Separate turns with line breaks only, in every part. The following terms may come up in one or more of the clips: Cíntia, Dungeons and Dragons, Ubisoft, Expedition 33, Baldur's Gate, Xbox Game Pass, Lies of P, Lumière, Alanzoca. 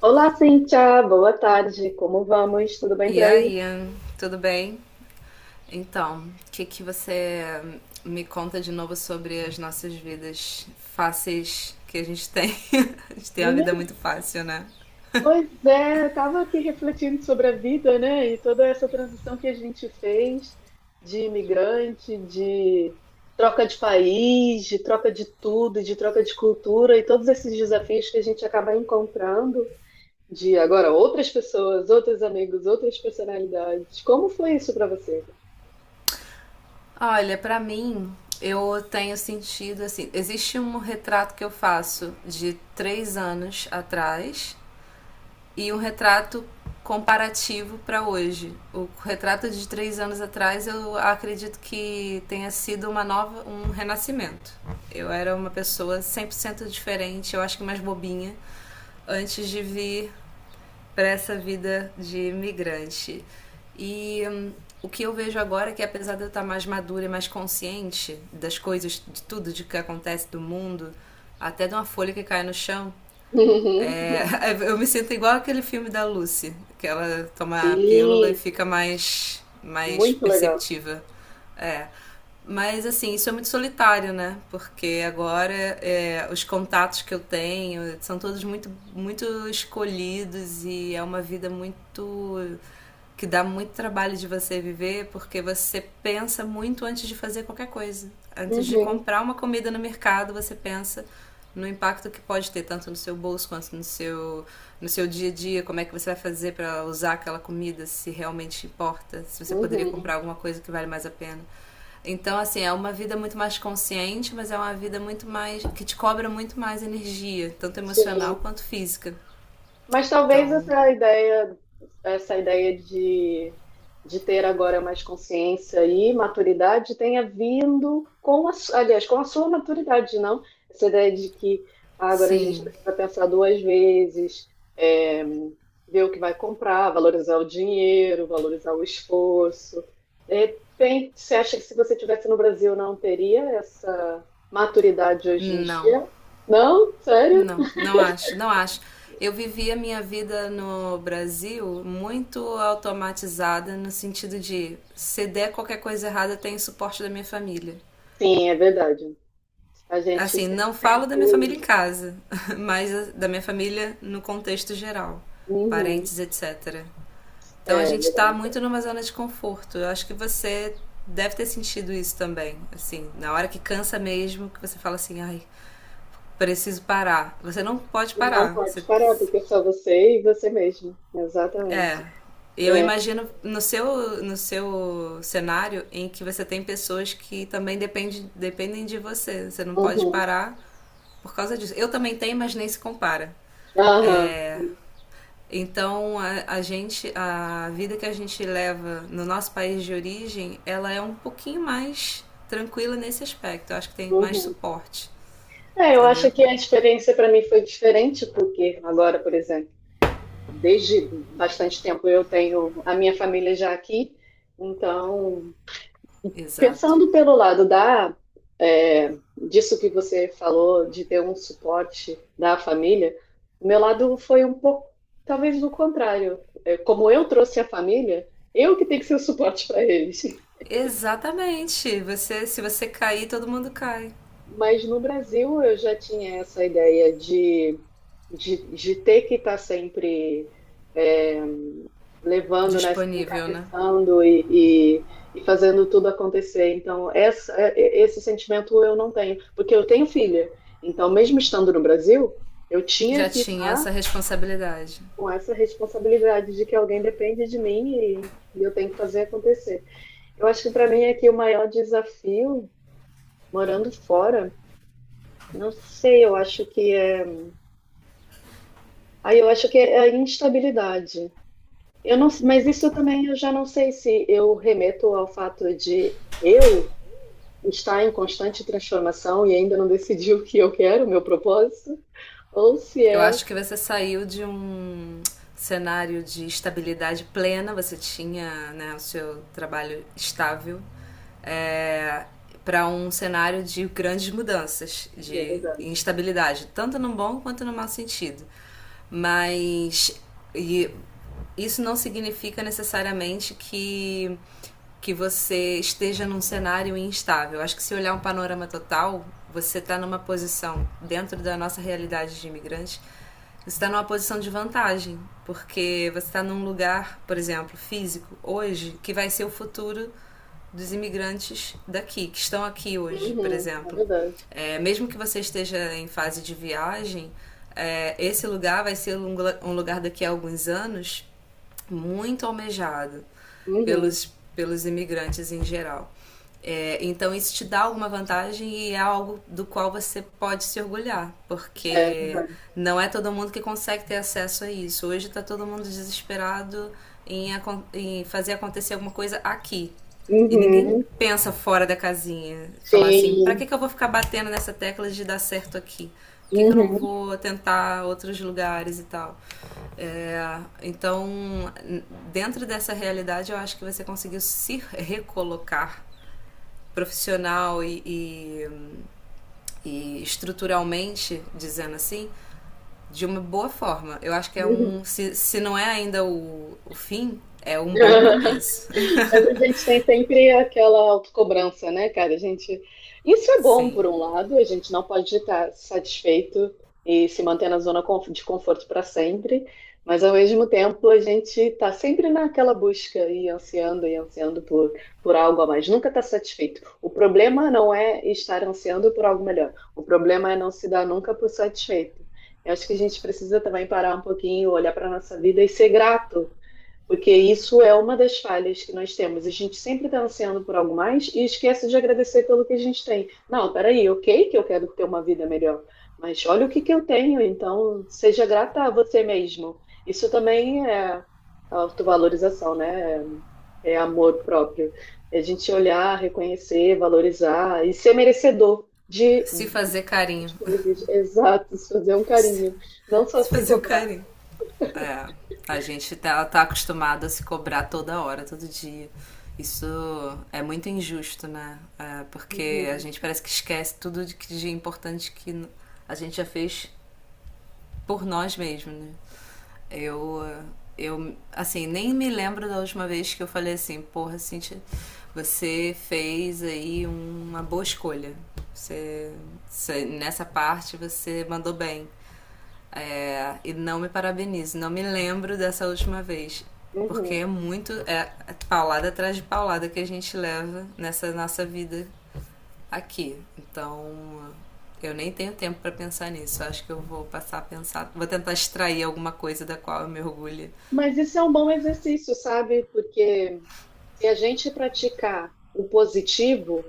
Olá, Cíntia, boa tarde, como vamos? Tudo bem
E
por aí?
aí, tudo bem? Então, o que que você me conta de novo sobre as nossas vidas fáceis que a gente tem? A gente tem uma vida
Menina,
muito fácil, né?
pois é, estava aqui refletindo sobre a vida, né? E toda essa transição que a gente fez de imigrante, de troca de país, de troca de tudo, de troca de cultura e todos esses desafios que a gente acaba encontrando de agora outras pessoas, outros amigos, outras personalidades. Como foi isso para você?
Olha, pra mim, eu tenho sentido assim. Existe um retrato que eu faço de três anos atrás e um retrato comparativo para hoje. O retrato de três anos atrás eu acredito que tenha sido uma nova, um renascimento. Eu era uma pessoa 100% diferente, eu acho que mais bobinha, antes de vir para essa vida de imigrante. E o que eu vejo agora é que apesar de eu estar mais madura e mais consciente das coisas, de tudo de que acontece do mundo, até de uma folha que cai no chão,
Uhum.
é, eu me sinto igual aquele filme da Lucy, que ela toma a pílula e
Sim,
fica mais
muito legal.
perceptiva. É. Mas assim, isso é muito solitário, né? Porque agora é, os contatos que eu tenho são todos muito escolhidos e é uma vida muito que dá muito trabalho de você viver, porque você pensa muito antes de fazer qualquer coisa. Antes de
Uhum,
comprar uma comida no mercado, você pensa no impacto que pode ter tanto no seu bolso quanto no seu dia a dia, como é que você vai fazer para usar aquela comida se realmente importa, se você poderia
uhum.
comprar alguma coisa que vale mais a pena. Então, assim, é uma vida muito mais consciente, mas é uma vida muito mais que te cobra muito mais energia, tanto
Sim,
emocional quanto física.
mas talvez
Então,
essa ideia, essa ideia de ter agora mais consciência e maturidade tenha vindo com a sua maturidade, não? Essa ideia de que agora a gente
sim,
precisa pensar duas vezes, é, ver o que vai comprar, valorizar o dinheiro, valorizar o esforço. De repente, você acha que se você tivesse no Brasil não teria essa maturidade hoje em
não.
dia? Não? Sério?
Não acho, não acho. Eu vivi a minha vida no Brasil muito automatizada, no sentido de se der qualquer coisa errada, tem suporte da minha família.
Sim, é verdade. A gente
Assim, não
sempre tem
falo da minha
apoio,
família em
né?
casa, mas da minha família no contexto geral,
Uhum.
parentes, etc. Então a
É,
gente tá
verdade.
muito numa zona de conforto. Eu acho que você deve ter sentido isso também. Assim, na hora que cansa mesmo, que você fala assim, ai, preciso parar. Você não pode
Não
parar.
pode
Você
parar, porque é só você e você mesmo. Exatamente.
é. Eu
É.
imagino no seu cenário em que você tem pessoas que também depende, dependem de você. Você não pode
Uhum.
parar por causa disso. Eu também tenho, mas nem se compara.
Aham.
Então a gente, a vida que a gente leva no nosso país de origem, ela é um pouquinho mais tranquila nesse aspecto. Eu acho que tem mais
Uhum.
suporte,
É, eu acho
entendeu?
que a experiência para mim foi diferente, porque agora, por exemplo, desde bastante tempo eu tenho a minha família já aqui, então,
Exato.
pensando pelo lado disso que você falou, de ter um suporte da família, o meu lado foi um pouco, talvez do contrário. É, como eu trouxe a família, eu que tenho que ser o suporte para eles.
Exatamente. Você, se você cair, todo mundo cai.
Mas no Brasil eu já tinha essa ideia de ter que estar sempre é, levando, né,
Disponível, né?
encabeçando e fazendo tudo acontecer. Então, esse sentimento eu não tenho, porque eu tenho filha. Então, mesmo estando no Brasil, eu tinha
Já
que
tinha essa
estar
responsabilidade.
com essa responsabilidade de que alguém depende de mim e eu tenho que fazer acontecer. Eu acho que para mim aqui o maior desafio, morando fora, não sei, eu acho que é, aí eu acho que é a instabilidade. Eu não, mas isso também eu já não sei se eu remeto ao fato de eu está em constante transformação e ainda não decidiu o que eu quero, o meu propósito, ou se
Eu
é.
acho que você saiu de um cenário de estabilidade plena, você tinha né, o seu trabalho estável, é, para um cenário de grandes mudanças,
É
de
verdade.
instabilidade, tanto no bom quanto no mau sentido. Mas e isso não significa necessariamente que você esteja num cenário instável. Acho que se olhar um panorama total, você está numa posição, dentro da nossa realidade de imigrante, você está numa posição de vantagem, porque você está num lugar, por exemplo, físico, hoje, que vai ser o futuro dos imigrantes daqui, que estão aqui hoje, por
Uhum, é
exemplo.
verdade.
É, mesmo que você esteja em fase de viagem, é, esse lugar vai ser um lugar daqui a alguns anos muito almejado
Uhum,
pelos imigrantes em geral. É, então, isso te dá alguma vantagem e é algo do qual você pode se orgulhar,
é
porque
verdade.
não é todo mundo que consegue ter acesso a isso. Hoje está todo mundo desesperado em, em fazer acontecer alguma coisa aqui, e ninguém
Uhum,
pensa fora da casinha. Falar assim, pra que,
sim.
que eu vou ficar batendo nessa tecla de dar certo aqui? Por que, que eu não
Uhum,
vou tentar outros lugares e tal? É, então, dentro dessa realidade, eu acho que você conseguiu se recolocar profissional e estruturalmente, dizendo assim, de uma boa forma. Eu acho que é
uhum.
um. Se não é ainda o fim, é um bom começo.
Mas a gente tem sempre aquela autocobrança, né, cara? A gente. Isso é bom,
Sim.
por um lado, a gente não pode estar satisfeito e se manter na zona de conforto para sempre, mas ao mesmo tempo a gente está sempre naquela busca e ansiando por algo a mais, nunca está satisfeito. O problema não é estar ansiando por algo melhor, o problema é não se dar nunca por satisfeito. Eu acho que a gente precisa também parar um pouquinho, olhar para a nossa vida e ser grato, porque isso é uma das falhas que nós temos. A gente sempre está ansiando por algo mais e esquece de agradecer pelo que a gente tem. Não, peraí, ok que eu quero ter uma vida melhor, mas olha o que que eu tenho, então seja grata a você mesmo. Isso também é autovalorização, né? É amor próprio. É a gente olhar, reconhecer, valorizar e ser merecedor de
Se fazer carinho.
de coisas. Exato, fazer um carinho,
Se
não só se
fazer o
cobrar.
carinho. É, a gente tá acostumado a se cobrar toda hora, todo dia. Isso é muito injusto, né? É, porque a
Uhum,
gente parece que esquece tudo de importante que a gente já fez por nós mesmos, né? Eu, eh, eu, assim, nem me lembro da última vez que eu falei assim, porra, Cintia, você fez aí uma boa escolha. Você, você- nessa parte você mandou bem. É, e não me parabenizo, não me lembro dessa última vez. Porque
uhum.
é muito. É paulada atrás de paulada que a gente leva nessa nossa vida aqui. Então, eu nem tenho tempo para pensar nisso. Eu acho que eu vou passar a pensar. Vou tentar extrair alguma coisa da qual eu me orgulho.
Mas isso é um bom exercício, sabe? Porque se a gente praticar o positivo,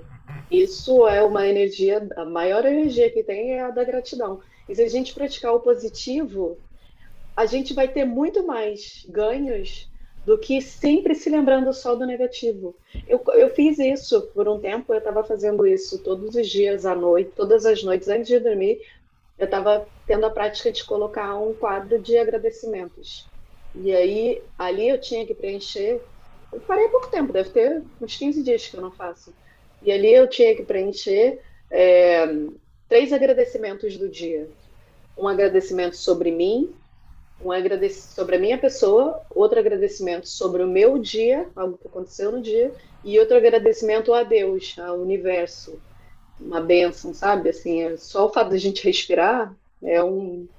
isso é uma energia, a maior energia que tem é a da gratidão. E se a gente praticar o positivo, a gente vai ter muito mais ganhos do que sempre se lembrando só do negativo. Eu fiz isso por um tempo, eu estava fazendo isso todos os dias à noite, todas as noites antes de dormir. Eu estava tendo a prática de colocar um quadro de agradecimentos. E aí, ali eu tinha que preencher. Eu parei há pouco tempo, deve ter uns 15 dias que eu não faço. E ali eu tinha que preencher, é, três agradecimentos do dia: um agradecimento sobre mim, um agradecimento sobre a minha pessoa, outro agradecimento sobre o meu dia, algo que aconteceu no dia, e outro agradecimento a Deus, ao universo, uma bênção, sabe? Assim, é só o fato da gente respirar é um.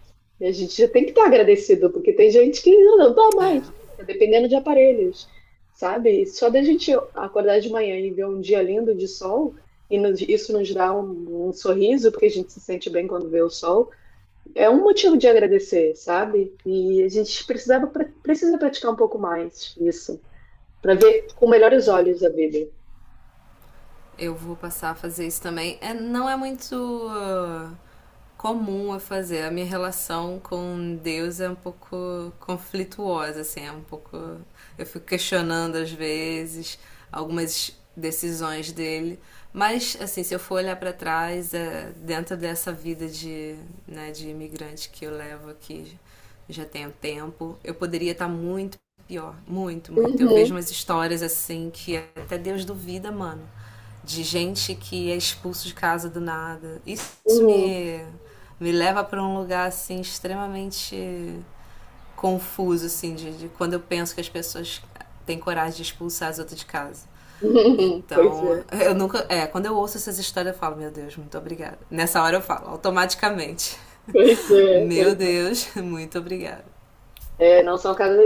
E a gente já tem que estar agradecido, porque tem gente que: "Ah, não dá
É,
mais, tá dependendo de aparelhos", sabe? E só da gente acordar de manhã e ver um dia lindo de sol, e isso nos dá um sorriso, porque a gente se sente bem quando vê o sol, é um motivo de agradecer, sabe? E a gente precisa praticar um pouco mais isso, para ver com melhores olhos a vida.
eu vou passar a fazer isso também. É, não é muito comum a fazer. A minha relação com Deus é um pouco conflituosa, assim, é um pouco. Eu fico questionando às vezes algumas decisões dele. Mas, assim, se eu for olhar para trás, é, dentro dessa vida de, né, de imigrante que eu levo aqui já tem um tempo, eu poderia estar muito pior, muito, muito. Eu vejo
Uhum,
umas histórias assim que até Deus duvida, mano. De gente que é expulso de casa do nada. Isso
uhum,
me, me leva para um lugar assim extremamente confuso, assim, de quando eu penso que as pessoas têm coragem de expulsar as outras de casa.
uhum, pois
Então,
é.
eu nunca. É, quando eu ouço essas histórias, eu falo, meu Deus, muito obrigada. Nessa hora eu falo, automaticamente.
Pois é,
Meu
pois é.
Deus, muito obrigada.
É, não são cada,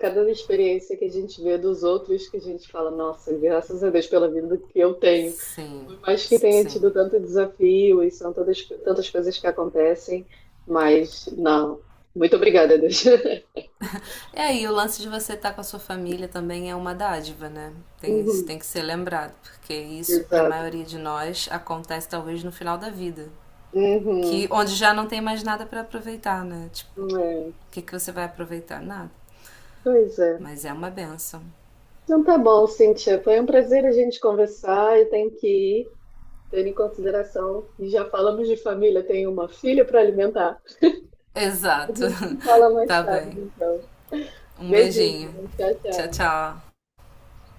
cada experiência que a gente vê dos outros que a gente fala, nossa, graças a Deus pela vida que eu tenho.
Sim,
Por mais que tenha
sim.
tido tanto desafio e são tantas coisas que acontecem, mas não. Muito obrigada, Deus.
É aí, o lance de você estar com a sua família também é uma dádiva, né? Tem, isso
Uhum,
tem que ser lembrado, porque isso, para a
exato.
maioria de nós, acontece talvez no final da vida, que
Uhum,
onde já não tem mais nada para aproveitar, né? Tipo,
é,
o que, que você vai aproveitar? Nada.
pois é.
Mas é uma benção.
Então tá bom, Cíntia. Foi um prazer a gente conversar. Eu tenho que ir, tendo em consideração que já falamos de família, tenho uma filha para alimentar. A
Exato.
gente se fala mais
Tá
tarde,
bem.
então.
Um
Beijinho,
beijinho.
tchau,
Tchau,
tchau.
tchau.